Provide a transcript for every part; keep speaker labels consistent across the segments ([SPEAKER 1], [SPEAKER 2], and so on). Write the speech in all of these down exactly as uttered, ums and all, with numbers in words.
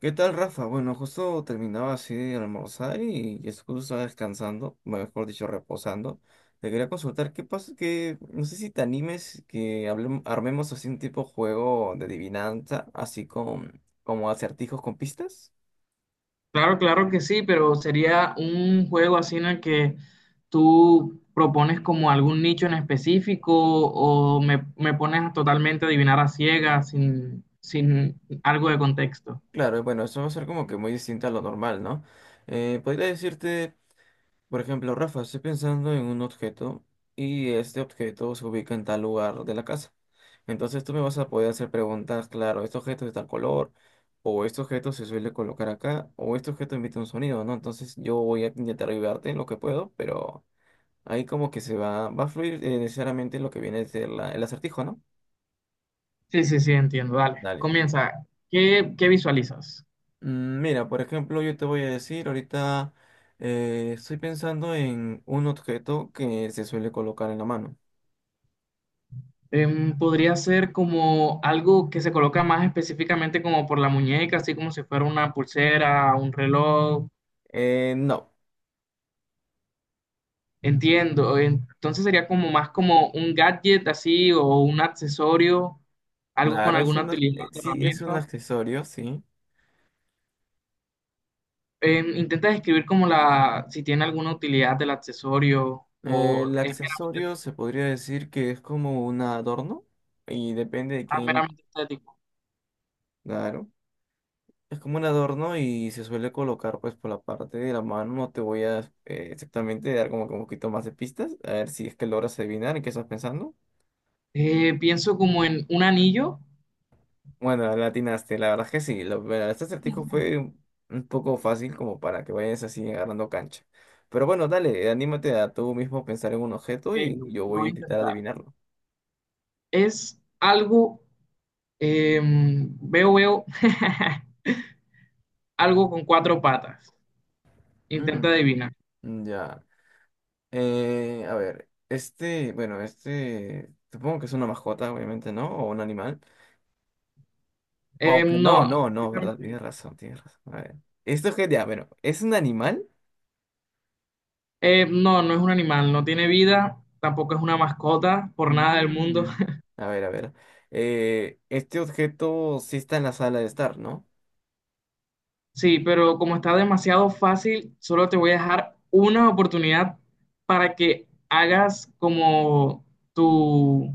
[SPEAKER 1] ¿Qué tal, Rafa? Bueno, justo terminaba así de almorzar y y es justo estaba descansando, mejor dicho, reposando. Te quería consultar qué pasa, que no sé si te animes que hablem- armemos así un tipo juego de adivinanza, así con como acertijos con pistas.
[SPEAKER 2] Claro, claro que sí, pero sería un juego así en el que tú propones como algún nicho en específico o me, me pones a totalmente adivinar a ciegas sin, sin algo de contexto.
[SPEAKER 1] Claro, bueno, eso va a ser como que muy distinto a lo normal, ¿no? Eh, podría decirte. Por ejemplo, Rafa, estoy pensando en un objeto y este objeto se ubica en tal lugar de la casa. Entonces tú me vas a poder hacer preguntas, claro, este objeto es de tal color, o este objeto se suele colocar acá, o este objeto emite un sonido, ¿no? Entonces yo voy a intentar ayudarte en lo que puedo, pero ahí como que se va, va a fluir eh, necesariamente lo que viene a ser la- el acertijo, ¿no?
[SPEAKER 2] Sí, sí, sí, entiendo. Dale,
[SPEAKER 1] Dale.
[SPEAKER 2] comienza. ¿Qué, qué visualizas?
[SPEAKER 1] Mm, mira, por ejemplo, yo te voy a decir ahorita, eh, estoy pensando en un objeto que se suele colocar en la mano.
[SPEAKER 2] Em, podría ser como algo que se coloca más específicamente como por la muñeca, así como si fuera una pulsera, un reloj.
[SPEAKER 1] Eh, no.
[SPEAKER 2] Entiendo, entonces sería como más como un gadget así o un accesorio, algo con
[SPEAKER 1] Claro, es
[SPEAKER 2] alguna
[SPEAKER 1] un, ac-
[SPEAKER 2] utilidad
[SPEAKER 1] eh, sí, es un
[SPEAKER 2] herramienta.
[SPEAKER 1] accesorio, sí.
[SPEAKER 2] Em, intenta describir como la, si tiene alguna utilidad del accesorio
[SPEAKER 1] Eh, el
[SPEAKER 2] o es meramente,
[SPEAKER 1] accesorio se podría decir que es como un adorno y depende de
[SPEAKER 2] ah,
[SPEAKER 1] quién,
[SPEAKER 2] meramente estético.
[SPEAKER 1] claro. Es como un adorno y se suele colocar pues por la parte de la mano. No te voy a eh, exactamente dar como que un poquito más de pistas. A ver si es que logras adivinar en qué estás pensando.
[SPEAKER 2] Eh, pienso como en un anillo,
[SPEAKER 1] Bueno, la atinaste, la verdad es que sí. Lo- bueno, este acertijo fue un un poco fácil como para que vayas así agarrando cancha. Pero bueno, dale, anímate a tú mismo pensar en un objeto
[SPEAKER 2] que
[SPEAKER 1] y
[SPEAKER 2] lo
[SPEAKER 1] yo
[SPEAKER 2] lo
[SPEAKER 1] voy a
[SPEAKER 2] voy a
[SPEAKER 1] intentar
[SPEAKER 2] intentar.
[SPEAKER 1] adivinarlo.
[SPEAKER 2] Es algo, em, veo, veo, algo con cuatro patas. Intenta
[SPEAKER 1] Mm,
[SPEAKER 2] adivinar.
[SPEAKER 1] mm, ya. Eh, a ver, este, bueno, este, supongo que es una mascota, obviamente, ¿no? O un animal. Aunque
[SPEAKER 2] Em,
[SPEAKER 1] no,
[SPEAKER 2] no.
[SPEAKER 1] no, no, ¿verdad? Tienes razón, tienes razón. A ver. Esto es que, ya, bueno, ¿es un animal?
[SPEAKER 2] Eh, no, no es un animal, no tiene vida, tampoco es una mascota, por nada del mundo.
[SPEAKER 1] Mm, a ver, a ver. Eh, este objeto sí está en la sala de estar, ¿no?
[SPEAKER 2] Sí, pero como está demasiado fácil, solo te voy a dejar una oportunidad para que hagas como tu,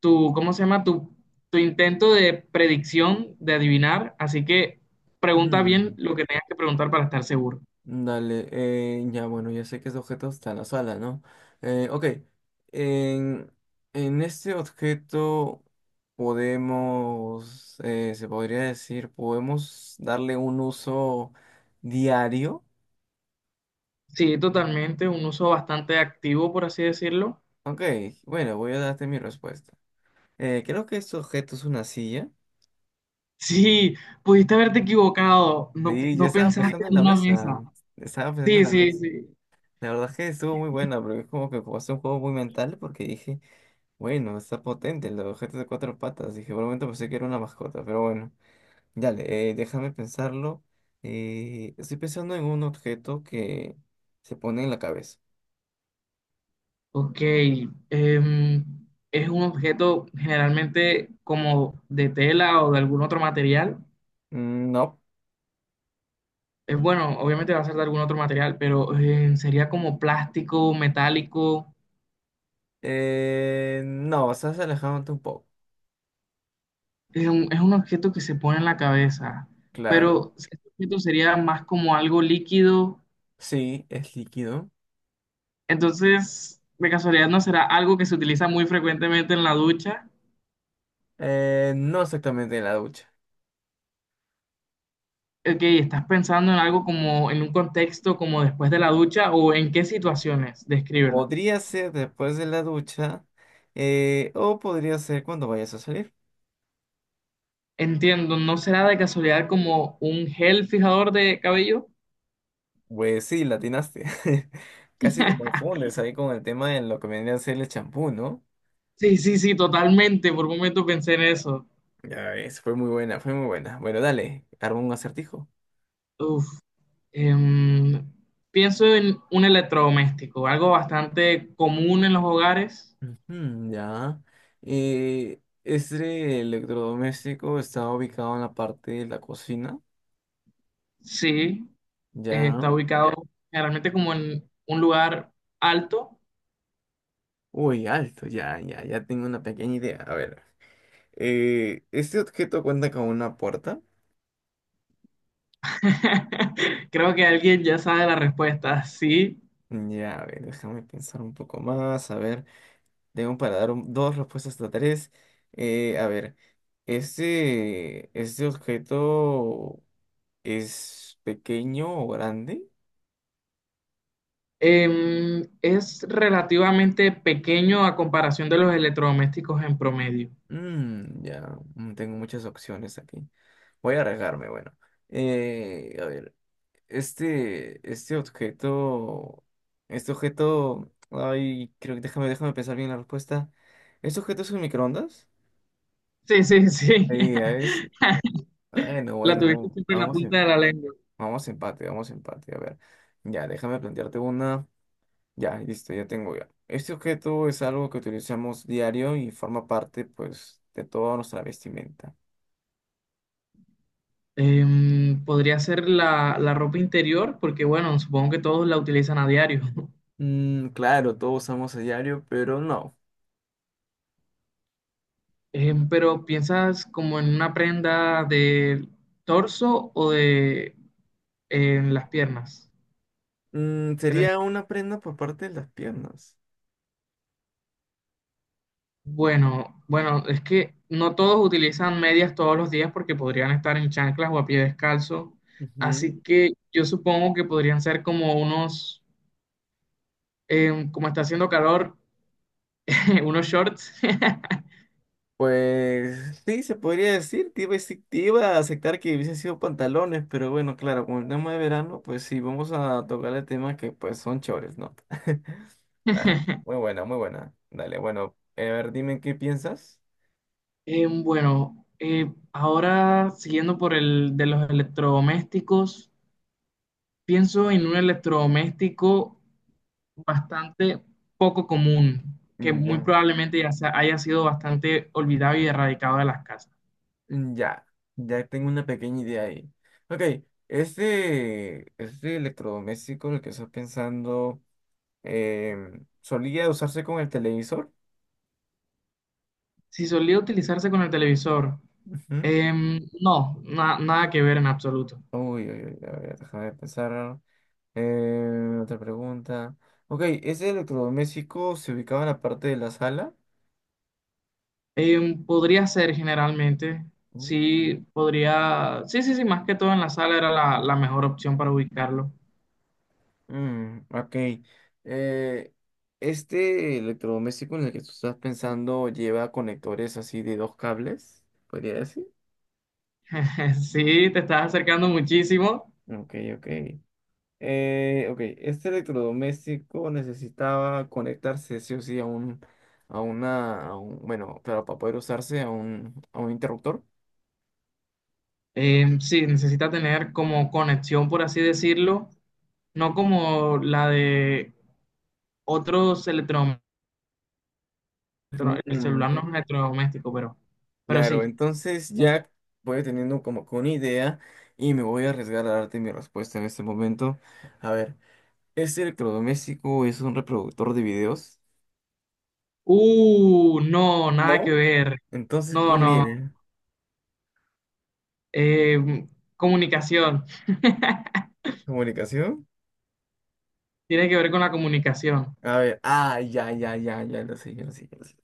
[SPEAKER 2] tu, ¿cómo se llama? Tu, tu intento de predicción, de adivinar. Así que pregunta bien
[SPEAKER 1] Mm.
[SPEAKER 2] lo que tengas que preguntar para estar seguro.
[SPEAKER 1] Dale, eh, ya bueno, ya sé que ese objeto está en la sala, ¿no? Eh, ok, en, en este objeto podemos, eh, se podría decir, podemos darle un uso diario.
[SPEAKER 2] Sí, totalmente, un uso bastante activo, por así decirlo.
[SPEAKER 1] Ok, bueno, voy a darte mi respuesta. Eh, creo que este objeto es una silla.
[SPEAKER 2] Sí, pudiste haberte equivocado, no,
[SPEAKER 1] Sí, yo
[SPEAKER 2] no
[SPEAKER 1] estaba
[SPEAKER 2] pensaste
[SPEAKER 1] pensando en
[SPEAKER 2] en
[SPEAKER 1] la
[SPEAKER 2] una mesa.
[SPEAKER 1] mesa. Estaba pensando en
[SPEAKER 2] Sí,
[SPEAKER 1] la
[SPEAKER 2] sí,
[SPEAKER 1] mesa.
[SPEAKER 2] sí.
[SPEAKER 1] La verdad es que estuvo muy buena, pero es como que como un juego muy mental porque dije, bueno, está potente el objeto de cuatro patas. Dije, por un momento pensé que era una mascota, pero bueno, dale, eh, déjame pensarlo. Eh, estoy pensando en un objeto que se pone en la cabeza.
[SPEAKER 2] Ok. em, es un objeto generalmente como de tela o de algún otro material.
[SPEAKER 1] Mm, no.
[SPEAKER 2] Es bueno, obviamente va a ser de algún otro material, pero em, sería como plástico, metálico.
[SPEAKER 1] Eh, no, estás alejándote un poco.
[SPEAKER 2] Es un, es un objeto que se pone en la cabeza,
[SPEAKER 1] Claro,
[SPEAKER 2] pero si este objeto sería más como algo líquido.
[SPEAKER 1] sí, es líquido.
[SPEAKER 2] Entonces, de casualidad, ¿no será algo que se utiliza muy frecuentemente en la ducha?
[SPEAKER 1] Eh, no exactamente en la ducha.
[SPEAKER 2] Ok, ¿estás pensando en algo como en un contexto como después de la ducha o en qué situaciones? Descríbela.
[SPEAKER 1] Podría ser después de la ducha, eh, o podría ser cuando vayas a salir.
[SPEAKER 2] Entiendo, ¿no será de casualidad como un gel fijador de cabello?
[SPEAKER 1] Pues sí, la atinaste. Casi te confundes ahí con el tema de lo que vendría a ser el champú, ¿no?
[SPEAKER 2] Sí, sí, sí, totalmente. Por un momento pensé en eso.
[SPEAKER 1] Ya ves, fue muy buena, fue muy buena. Bueno, dale, arma un acertijo.
[SPEAKER 2] Uf. em, Pienso en un electrodoméstico, algo bastante común en los hogares.
[SPEAKER 1] Ujú, ya. Eh, este electrodoméstico está ubicado en la parte de la cocina.
[SPEAKER 2] Sí, eh,
[SPEAKER 1] Ya.
[SPEAKER 2] está ubicado generalmente como en un lugar alto.
[SPEAKER 1] Uy, alto, ya, ya, ya tengo una pequeña idea. A ver. Eh, ¿este objeto cuenta con una puerta?
[SPEAKER 2] Creo que alguien ya sabe la respuesta. Sí.
[SPEAKER 1] Ya, a ver, déjame pensar un poco más, a ver. Tengo para dar un- dos respuestas hasta tres. Eh, a ver, ¿este, este objeto es pequeño o grande?
[SPEAKER 2] Em, es relativamente pequeño a comparación de los electrodomésticos en promedio.
[SPEAKER 1] Mm, ya, mm, tengo muchas opciones aquí. Voy a arriesgarme, bueno. Eh, a ver, este, este objeto, este objeto, ay, creo que déjame, déjame pensar bien la respuesta. ¿Este objeto es un microondas?
[SPEAKER 2] Sí, sí, sí.
[SPEAKER 1] Ahí, ahí es, bueno,
[SPEAKER 2] La tuviste
[SPEAKER 1] bueno,
[SPEAKER 2] siempre en la
[SPEAKER 1] vamos.
[SPEAKER 2] punta de la lengua.
[SPEAKER 1] Vamos empate, vamos empate. A ver. Ya, déjame plantearte una. Ya, listo, ya tengo ya. Este objeto es algo que utilizamos diario y forma parte, pues, de toda nuestra vestimenta.
[SPEAKER 2] Em, podría ser la, la ropa interior, porque bueno, supongo que todos la utilizan a diario.
[SPEAKER 1] Mm, claro, todos usamos a diario, pero no.
[SPEAKER 2] Em, pero ¿piensas como en una prenda de torso o de en las piernas?
[SPEAKER 1] Mm, sería una prenda por parte de las piernas.
[SPEAKER 2] Bueno, bueno, es que no todos utilizan medias todos los días porque podrían estar en chanclas o a pie descalzo. Así que yo supongo que podrían ser como unos, em, como está haciendo calor, unos shorts.
[SPEAKER 1] Pues sí, se podría decir, te iba, a decir- te iba a aceptar que hubiesen sido pantalones, pero bueno, claro, con el tema de verano, pues sí, vamos a tocarle temas que pues son chores, ¿no? Dale, muy buena, muy buena. Dale, bueno, eh, a ver, dime qué piensas.
[SPEAKER 2] Em, bueno, eh, ahora siguiendo por el de los electrodomésticos, pienso en un electrodoméstico bastante poco común, que
[SPEAKER 1] Mm,
[SPEAKER 2] muy
[SPEAKER 1] ya.
[SPEAKER 2] probablemente ya sea- haya sido bastante olvidado y erradicado de las casas.
[SPEAKER 1] Mm, ya, ya tengo una pequeña idea ahí. Ok, este, este electrodoméstico en el que estás pensando, em, solía usarse con el televisor.
[SPEAKER 2] Si solía utilizarse con el televisor,
[SPEAKER 1] Ujú.
[SPEAKER 2] em, no, na- nada que ver en absoluto.
[SPEAKER 1] Uy, uy, uy, a ver, déjame pensar. Eh, otra pregunta. Ok, ¿ese electrodoméstico se ubicaba en la parte de la sala?
[SPEAKER 2] Em, podría ser generalmente,
[SPEAKER 1] Mm.
[SPEAKER 2] sí, podría, sí, sí, sí, más que todo en la sala era la, la mejor opción para ubicarlo.
[SPEAKER 1] Mm, ok. Eh, este electrodoméstico en el que tú estás pensando lleva conectores así de dos cables, podría decir.
[SPEAKER 2] Sí, te estás acercando muchísimo.
[SPEAKER 1] Ok, ok. Eh, ok, este electrodoméstico necesitaba conectarse sí o sí a un, a una, a un- bueno, claro, para poder usarse a un, a un interruptor.
[SPEAKER 2] Em, sí, necesita tener como conexión, por así decirlo, no como la de otros electrodomésticos, el
[SPEAKER 1] Mm,
[SPEAKER 2] celular no es
[SPEAKER 1] mm.
[SPEAKER 2] electrodoméstico, pero, pero
[SPEAKER 1] Claro,
[SPEAKER 2] sí.
[SPEAKER 1] entonces ya voy teniendo como que una idea y me voy a arriesgar a darte mi respuesta en este momento. A ver, ¿ese electrodoméstico es un reproductor de videos?
[SPEAKER 2] Uh, no, nada que
[SPEAKER 1] No,
[SPEAKER 2] ver.
[SPEAKER 1] entonces,
[SPEAKER 2] No,
[SPEAKER 1] ¿cuál
[SPEAKER 2] no.
[SPEAKER 1] era?
[SPEAKER 2] Eh, Comunicación.
[SPEAKER 1] ¿Comunicación?
[SPEAKER 2] Tiene que ver con la comunicación.
[SPEAKER 1] A ver, ah, ya, ya, ya, ya lo sé, ya lo sé, ya lo sé.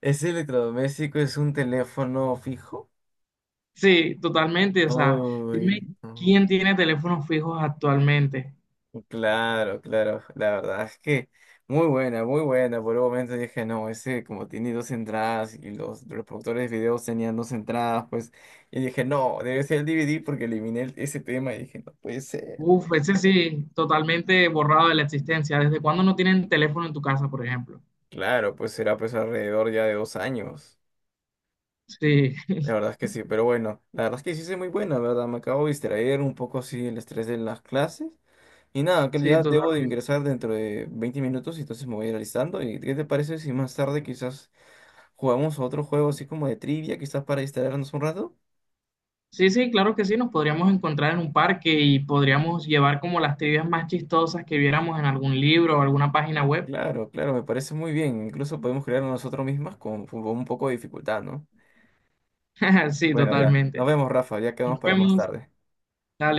[SPEAKER 1] ¿Ese electrodoméstico es un teléfono fijo?
[SPEAKER 2] Sí, totalmente. O sea,
[SPEAKER 1] Uy,
[SPEAKER 2] dime
[SPEAKER 1] no.
[SPEAKER 2] quién tiene teléfonos fijos actualmente.
[SPEAKER 1] Claro, claro, la verdad es que muy buena, muy buena. Por un momento dije, no, ese como tiene dos entradas y los, los productores de videos tenían dos entradas, pues, y dije, no, debe ser el D V D porque eliminé el- ese tema y dije, no puede ser.
[SPEAKER 2] Uf, ese sí, totalmente borrado de la existencia. ¿Desde cuándo no tienen teléfono en tu casa, por ejemplo?
[SPEAKER 1] Claro, pues será pues alrededor ya de dos años.
[SPEAKER 2] Sí,
[SPEAKER 1] La verdad es que sí, pero bueno, la verdad es que sí es muy buena, ¿verdad? Me acabo de distraer un poco así el estrés de las clases. Y nada, que
[SPEAKER 2] sí,
[SPEAKER 1] ya debo de
[SPEAKER 2] totalmente.
[SPEAKER 1] ingresar dentro de veinte minutos, y entonces me voy a ir alistando. ¿Y qué te parece si más tarde quizás jugamos a otro juego así como de trivia, quizás para distraernos un rato?
[SPEAKER 2] Sí, sí, claro que sí, nos podríamos encontrar en un parque y podríamos llevar como las trivias más chistosas que viéramos en algún libro o alguna página web.
[SPEAKER 1] Claro, claro, me parece muy bien. Incluso podemos crearlo nosotros mismos con, con un poco de dificultad, ¿no?
[SPEAKER 2] Sí,
[SPEAKER 1] Bueno, ya, nos
[SPEAKER 2] totalmente.
[SPEAKER 1] vemos, Rafa, ya quedamos
[SPEAKER 2] Nos
[SPEAKER 1] para más
[SPEAKER 2] vemos.
[SPEAKER 1] tarde.
[SPEAKER 2] Dale.